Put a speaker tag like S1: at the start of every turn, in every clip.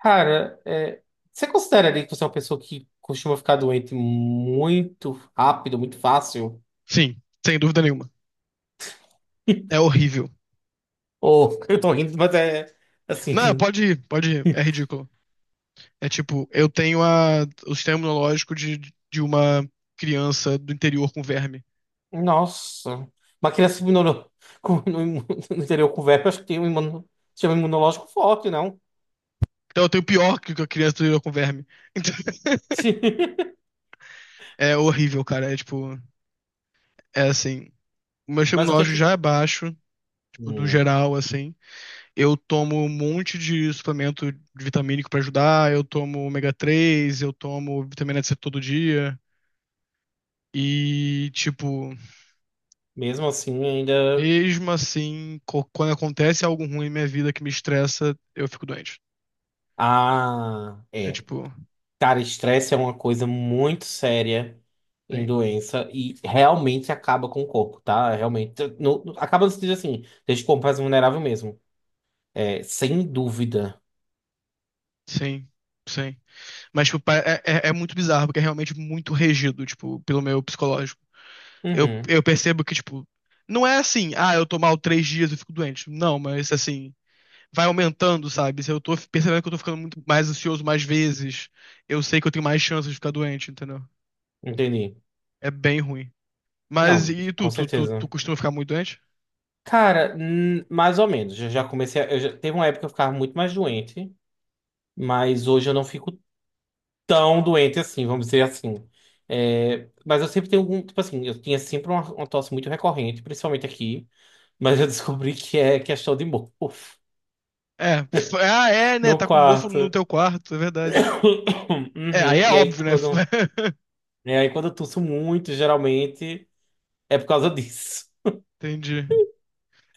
S1: Cara, você considera ali que você é uma pessoa que costuma ficar doente muito rápido, muito fácil?
S2: Sim, sem dúvida nenhuma. É horrível.
S1: Ou eu tô rindo, mas é assim,
S2: Não, pode ir, pode ir. É ridículo. É tipo, eu tenho o sistema imunológico de uma criança do interior com verme.
S1: nossa. Uma criança com- no, imu- no interior com verme, acho que tem um sistema imunológico forte, não?
S2: Então eu tenho pior que a criança do interior com verme. Então, é horrível, cara. É tipo, é assim. O meu sistema
S1: Mas o que é
S2: imunológico já
S1: que.
S2: é baixo, tipo, no
S1: Hum,
S2: geral, assim. Eu tomo um monte de suplemento vitamínico pra ajudar. Eu tomo ômega 3, eu tomo vitamina C todo dia. E, tipo,
S1: mesmo assim, ainda.
S2: mesmo assim, quando acontece algo ruim em minha vida que me estressa, eu fico doente.
S1: Ah,
S2: É
S1: é.
S2: tipo,
S1: Cara, estresse é uma coisa muito séria em
S2: sim,
S1: doença e realmente acaba com o corpo, tá? Realmente. Acaba no sentido assim, deixa o corpo mais vulnerável mesmo. É, sem dúvida.
S2: sim, sim. Mas, tipo, é muito bizarro, porque é realmente muito regido, tipo, pelo meu psicológico. Eu,
S1: Uhum,
S2: eu percebo que, tipo, não é assim, ah, eu tô mal 3 dias e fico doente. Não, mas assim, vai aumentando, sabe? Se eu tô percebendo que eu tô ficando muito mais ansioso mais vezes, eu sei que eu tenho mais chances de ficar doente, entendeu?
S1: entendi.
S2: É bem ruim. Mas
S1: Não,
S2: e tu,
S1: com
S2: tu, tu, tu
S1: certeza.
S2: costuma ficar muito doente?
S1: Cara, mais ou menos. Eu já, teve uma época que eu ficava muito mais doente, mas hoje eu não fico tão doente assim, vamos dizer assim. É, mas eu sempre tenho algum. Tipo assim, eu tinha sempre uma tosse muito recorrente, principalmente aqui. Mas eu descobri que é questão de mofo
S2: É. Ah, é, né?
S1: no
S2: Tá com mofo no
S1: quarto.
S2: teu quarto, é verdade. É, aí
S1: Uhum.
S2: é óbvio, né?
S1: E aí quando eu tuço muito, geralmente, é por causa disso.
S2: Entendi.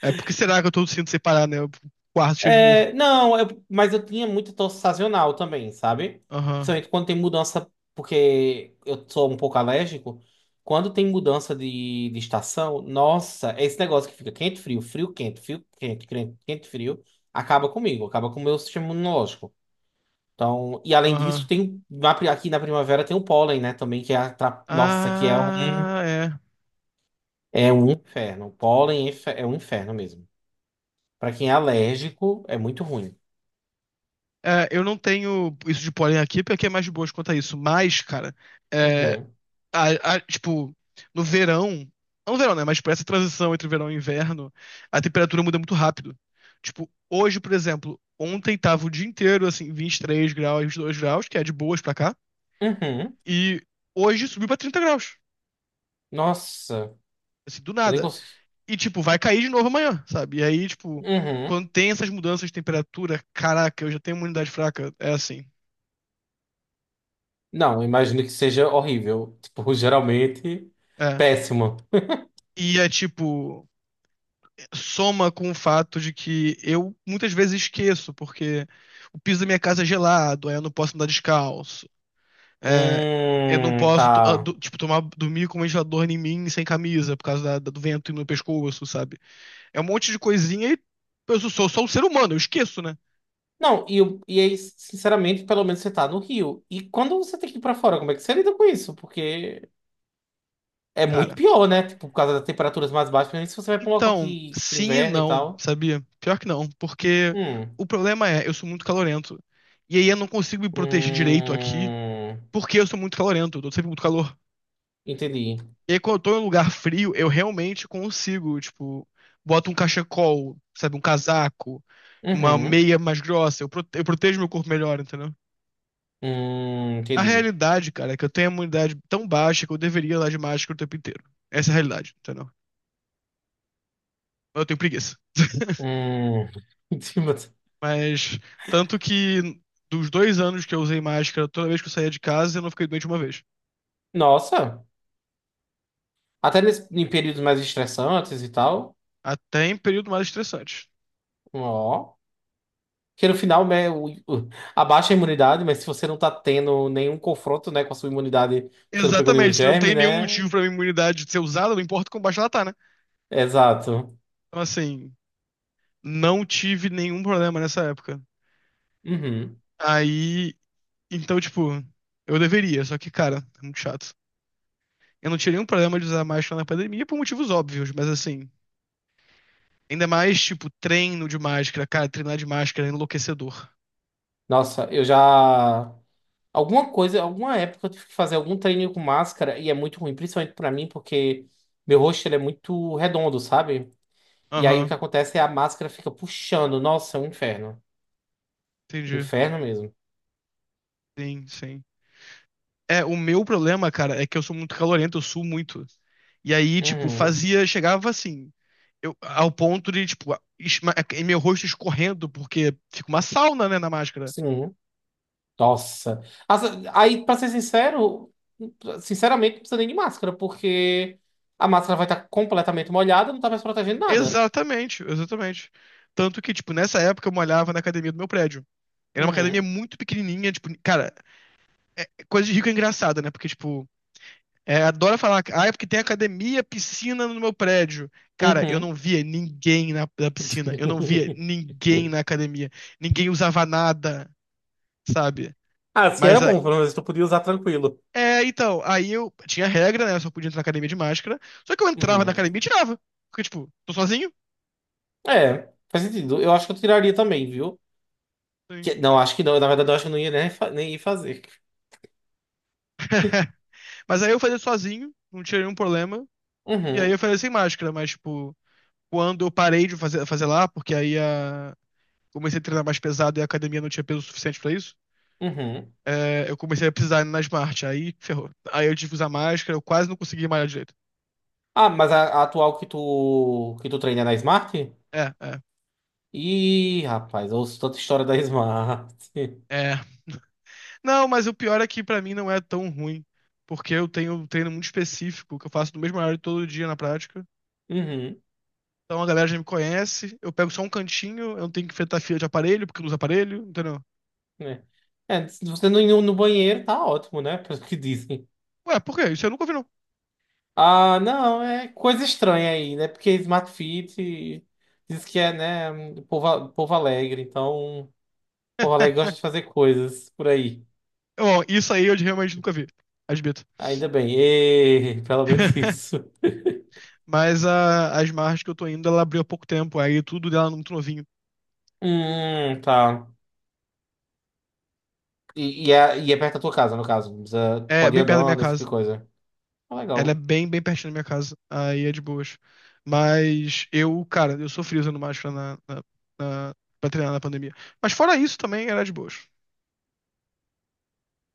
S2: É, por que será que eu tô sinto separar, né? O quarto cheio de mofo.
S1: É, não, mas eu tinha muita tosse sazonal também, sabe?
S2: Aham,
S1: Principalmente quando tem mudança, porque eu sou um pouco alérgico. Quando tem mudança de estação, nossa, é esse negócio que fica quente, frio, frio, quente, quente, quente, frio, acaba comigo, acaba com o meu sistema imunológico. Então, e além disso,
S2: aham.
S1: tem um, aqui na primavera tem o pólen, né? Também que é a, nossa, que
S2: Ah, é.
S1: é um inferno. O pólen é é um inferno mesmo. Pra quem é alérgico, é muito ruim.
S2: É, eu não tenho isso de pólen aqui porque é mais de boas quanto a isso. Mas, cara, é,
S1: Uhum.
S2: tipo, no verão, não no verão, né? Mas tipo, essa transição entre verão e inverno, a temperatura muda muito rápido. Tipo, hoje, por exemplo, ontem tava o dia inteiro, assim, 23 graus, e 22 graus, que é de boas pra cá,
S1: Uhum.
S2: e hoje subiu pra 30 graus,
S1: Nossa,
S2: assim, do
S1: eu nem
S2: nada.
S1: consigo.
S2: E, tipo, vai cair de novo amanhã, sabe? E aí, tipo,
S1: Uhum.
S2: quando tem essas mudanças de temperatura, caraca, eu já tenho imunidade fraca, é assim.
S1: Não, eu imagino que seja horrível. Tipo, geralmente
S2: É.
S1: péssimo.
S2: E é tipo, soma com o fato de que eu muitas vezes esqueço, porque o piso da minha casa é gelado, aí eu não posso andar descalço. É, eu não posso,
S1: Tá.
S2: tipo, tomar, dormir com um ventilador em mim sem camisa, por causa do vento e no pescoço, sabe? É um monte de coisinha e eu sou, sou só um ser humano, eu esqueço, né,
S1: Não, e aí, sinceramente, pelo menos você tá no Rio. E quando você tem que ir pra fora, como é que você lida com isso? Porque é muito
S2: cara?
S1: pior, né? Tipo, por causa das temperaturas mais baixas, principalmente se você vai pra um local
S2: Então,
S1: que tem
S2: sim e
S1: inverno e
S2: não,
S1: tal.
S2: sabia? Pior que não, porque
S1: Hum.
S2: o problema é, eu sou muito calorento. E aí eu não consigo me proteger direito aqui,
S1: Hum.
S2: porque eu sou muito calorento, eu tô sempre muito calor.
S1: Entendi.
S2: E aí, quando eu tô em um lugar frio, eu realmente consigo, tipo, boto um cachecol, sabe, um casaco, uma
S1: Uhum.
S2: meia mais grossa, eu, prote- eu protejo meu corpo melhor, entendeu? A
S1: Entendi.
S2: realidade, cara, é que eu tenho a imunidade tão baixa que eu deveria andar de máscara o tempo inteiro. Essa é a realidade, entendeu? Eu tenho preguiça.
S1: Hum. Entendi, mas-
S2: Mas, tanto que dos 2 anos que eu usei máscara, toda vez que eu saía de casa, eu não fiquei doente uma vez.
S1: Nossa. Em períodos mais estressantes e tal.
S2: Até em período mais estressante.
S1: Ó. Que no final, né, abaixa a imunidade, mas se você não tá tendo nenhum confronto, né, com a sua imunidade, você não pegou nenhum
S2: Exatamente, se não
S1: germe,
S2: tem nenhum
S1: né?
S2: motivo pra minha imunidade ser usada, não importa quão baixa ela tá, né?
S1: Exato.
S2: Então, assim, não tive nenhum problema nessa época.
S1: Uhum.
S2: Aí, então, tipo, eu deveria, só que, cara, é muito chato. Eu não tinha nenhum problema de usar máscara na pandemia por motivos óbvios, mas assim, ainda mais, tipo, treino de máscara, cara, treinar de máscara é enlouquecedor.
S1: Nossa, eu já. Alguma coisa, alguma época eu tive que fazer algum treininho com máscara e é muito ruim, principalmente pra mim, porque meu rosto ele é muito redondo, sabe? E aí o que
S2: Aham,
S1: acontece é a máscara fica puxando. Nossa, é um inferno.
S2: entendi.
S1: Inferno mesmo.
S2: Sim, sim. É, o meu problema, cara, é que eu sou muito calorento, eu suo muito. E aí, tipo,
S1: Uhum.
S2: fazia, chegava assim, eu, ao ponto de, tipo, e meu rosto escorrendo, porque fica uma sauna, né, na máscara.
S1: Sim. Nossa. As- Aí, pra ser sincero, sinceramente, não precisa nem de máscara, porque a máscara vai estar completamente molhada, não tá mais protegendo nada.
S2: Exatamente, exatamente. Tanto que, tipo, nessa época eu malhava na academia do meu prédio. Era uma academia
S1: Uhum.
S2: muito pequenininha, tipo, cara, coisa de rico é engraçada, né? Porque, tipo, é, adora falar, ah, é porque tem academia, piscina no meu prédio. Cara, eu
S1: Uhum.
S2: não via ninguém na piscina, eu não via ninguém na academia, ninguém usava nada, sabe?
S1: Ah, assim era
S2: Mas, a-
S1: bom, pelo menos tu podia usar tranquilo.
S2: é, então, aí eu tinha regra, né? Eu só podia entrar na academia de máscara, só que eu entrava na
S1: Uhum.
S2: academia e tirava, porque, tipo, tô sozinho.
S1: É, faz sentido. Eu acho que eu tiraria também, viu?
S2: Sim.
S1: Que- não, acho que não. Na verdade, eu acho que eu não ia nem, nem ir fazer.
S2: Mas aí eu fazia sozinho, não tinha nenhum problema. E aí eu
S1: Uhum,
S2: fazia sem máscara, mas, tipo, quando eu parei de fazer, lá, porque aí a... comecei a treinar mais pesado e a academia não tinha peso suficiente pra isso,
S1: uhum.
S2: é, eu comecei a precisar ir na Smart, aí ferrou. Aí eu tive que usar máscara, eu quase não consegui malhar direito.
S1: Ah, mas a atual que que tu treina é na Smart?
S2: É, é,
S1: Ih, rapaz, eu ouço tanta história da Smart.
S2: é. Não, mas o pior é que pra mim não é tão ruim, porque eu tenho um treino muito específico, que eu faço no mesmo horário todo dia na prática.
S1: Uhum,
S2: Então a galera já me conhece, eu pego só um cantinho, eu não tenho que enfrentar fila de aparelho, porque eu não uso aparelho, entendeu?
S1: né? É, se você não ir no no banheiro, tá ótimo, né? Pelo que dizem.
S2: Ué, por quê? Isso eu nunca ouvi, não.
S1: Ah, não, é coisa estranha aí, né? Porque Smart Fit diz que é, né, um povo, povo alegre, então povo alegre gosta de fazer coisas por aí.
S2: Bom, isso aí eu realmente nunca vi, admito.
S1: Ainda bem. E... pelo menos isso.
S2: Mas as margens que eu tô indo, ela abriu há pouco tempo, aí tudo dela é muito novinho.
S1: Tá. E, e é perto da tua casa, no caso. Não precisa,
S2: É
S1: pode ir
S2: bem perto da minha
S1: andando, esse tipo
S2: casa.
S1: de coisa. Ah,
S2: Ela é
S1: legal.
S2: bem, bem pertinho da minha casa. Aí é de boas. Mas eu, cara, eu sofri usando máscara na- pra treinar na pandemia. Mas fora isso também era de boas.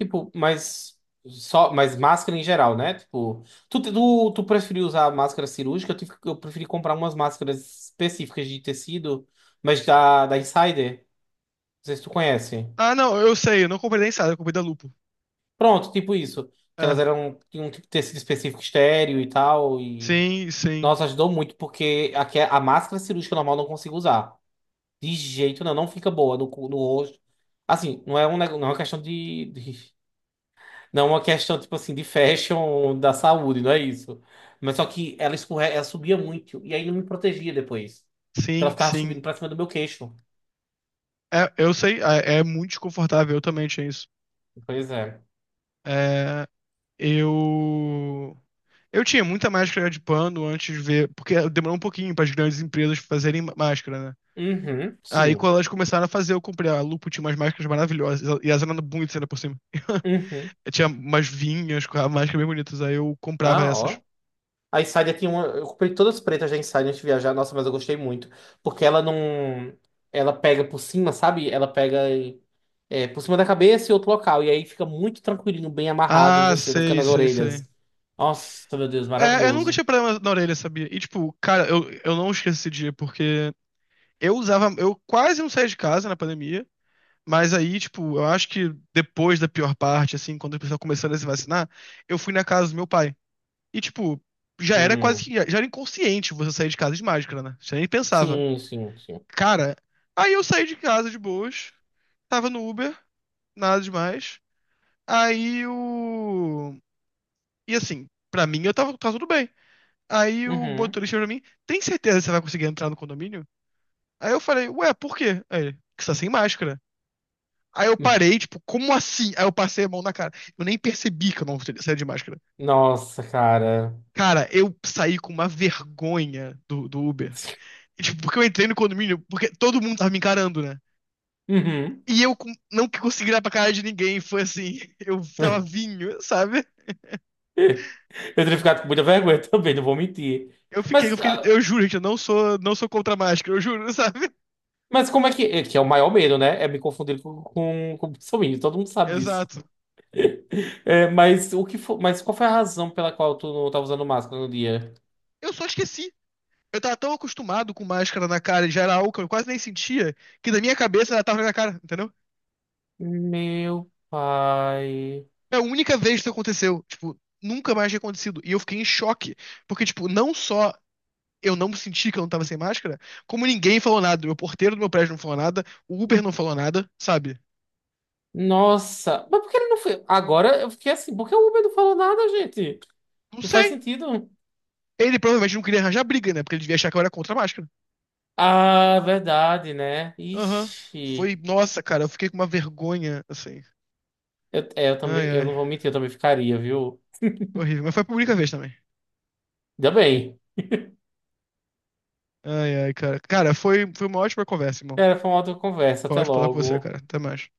S1: Tipo, mas... Só, mas máscara em geral, né? Tipo, tu preferiu usar máscara cirúrgica? Eu, tive, eu preferi comprar umas máscaras específicas de tecido, mas da Insider. Não sei se tu conhece.
S2: Ah, não, eu sei, eu não comprei da Insider, eu comprei da Lupo.
S1: Pronto, tipo isso. Que elas
S2: É,
S1: eram, tinham um tipo de tecido específico estéreo e tal. E,
S2: sim, sim,
S1: nossa, ajudou muito, porque a máscara cirúrgica normal eu não consigo usar. De jeito não, não fica boa no, no rosto. Assim, não é, um, não é uma questão não é uma questão, tipo assim, de fashion da saúde, não é isso. Mas só que ela escorre, ela subia muito e aí não me protegia depois. Porque ela
S2: sim,
S1: ficava
S2: sim.
S1: subindo pra cima do meu queixo.
S2: É, eu sei, é, é muito desconfortável, eu também tinha isso.
S1: Pois é.
S2: É, eu. Eu tinha muita máscara de pano antes de ver, porque demorou um pouquinho para as grandes empresas fazerem máscara, né?
S1: Uhum,
S2: Aí
S1: sim.
S2: quando elas começaram a fazer, eu comprei. A Lupo tinha umas máscaras maravilhosas. E elas eram bonitas ainda por cima.
S1: Uhum.
S2: Eu tinha umas vinhas com a máscara bem bonitas. Aí eu comprava
S1: Ah,
S2: essas.
S1: ó. A Insider tinha uma. Eu comprei todas as pretas da Insider antes de viajar. Nossa, mas eu gostei muito. Porque ela não. Ela pega por cima, sabe? Ela pega é, por cima da cabeça e outro local. E aí fica muito tranquilinho, bem amarrado em
S2: Ah,
S1: você, não fica
S2: sei,
S1: nas
S2: sei, sei.
S1: orelhas. Nossa, meu Deus,
S2: É, eu nunca tinha
S1: maravilhoso.
S2: problema na orelha, sabia? E tipo, cara, eu não esqueço esse dia, porque eu usava. Eu quase não saía de casa na pandemia. Mas aí, tipo, eu acho que depois da pior parte, assim, quando as pessoas começaram a se vacinar, eu fui na casa do meu pai. E, tipo, já era quase
S1: Hum.
S2: que. Já era inconsciente você sair de casa de máscara, né? Você nem pensava.
S1: Sim, sim, sim.
S2: Cara, aí eu saí de casa de boas, tava no Uber, nada demais. Aí o. E assim, pra mim eu tava, tudo bem. Aí o
S1: Uhum.
S2: motorista falou pra mim: Tem certeza que você vai conseguir entrar no condomínio? Aí eu falei: Ué, por quê? Aí ele: Que você tá sem máscara. Aí eu parei, tipo, como assim? Aí eu passei a mão na cara. Eu nem percebi que eu não saí de máscara.
S1: Nossa, cara.
S2: Cara, eu saí com uma vergonha do Uber. E, tipo, porque eu entrei no condomínio, porque todo mundo tava me encarando, né?
S1: Uhum.
S2: E eu não consegui olhar pra cara de ninguém, foi assim, eu tava vinho, sabe?
S1: Eu teria ficado com muita vergonha também, não vou mentir.
S2: Eu fiquei, eu
S1: Mas.
S2: fiquei,
S1: Ah,
S2: eu juro, gente, eu não sou, não sou contra a máscara, eu juro, sabe?
S1: mas como é que. É, que é o maior medo, né? É me confundir com o bolsominion, todo mundo sabe disso.
S2: Exato.
S1: É, mas o que mas qual foi a razão pela qual tu não tava usando máscara no dia?
S2: Eu só esqueci. Eu tava tão acostumado com máscara na cara, e já era álcool, eu quase nem sentia, que da minha cabeça ela tava na minha cara, entendeu?
S1: Meu pai.
S2: É a única vez que isso aconteceu, tipo, nunca mais tinha acontecido. E eu fiquei em choque, porque, tipo, não só eu não senti que eu não tava sem máscara, como ninguém falou nada. Meu porteiro do meu prédio não falou nada, o Uber não falou nada, sabe?
S1: Nossa, mas por que ele não foi? Agora eu fiquei assim, por que o Uber não falou nada, gente?
S2: Não
S1: Não faz
S2: sei.
S1: sentido.
S2: Ele provavelmente não queria arranjar briga, né? Porque ele devia achar que eu era contra a máscara.
S1: Ah, verdade, né?
S2: Aham. Foi,
S1: Ixi.
S2: nossa, cara, eu fiquei com uma vergonha, assim.
S1: Eu, é, eu também,
S2: Ai,
S1: eu
S2: ai.
S1: não vou mentir, eu também ficaria, viu?
S2: Horrível. Mas foi a única vez também.
S1: Ainda bem.
S2: Ai, ai, cara. Cara, foi, foi uma ótima conversa, irmão.
S1: Era, foi uma outra conversa.
S2: Foi
S1: Até
S2: ótimo falar com você,
S1: logo.
S2: cara. Até mais.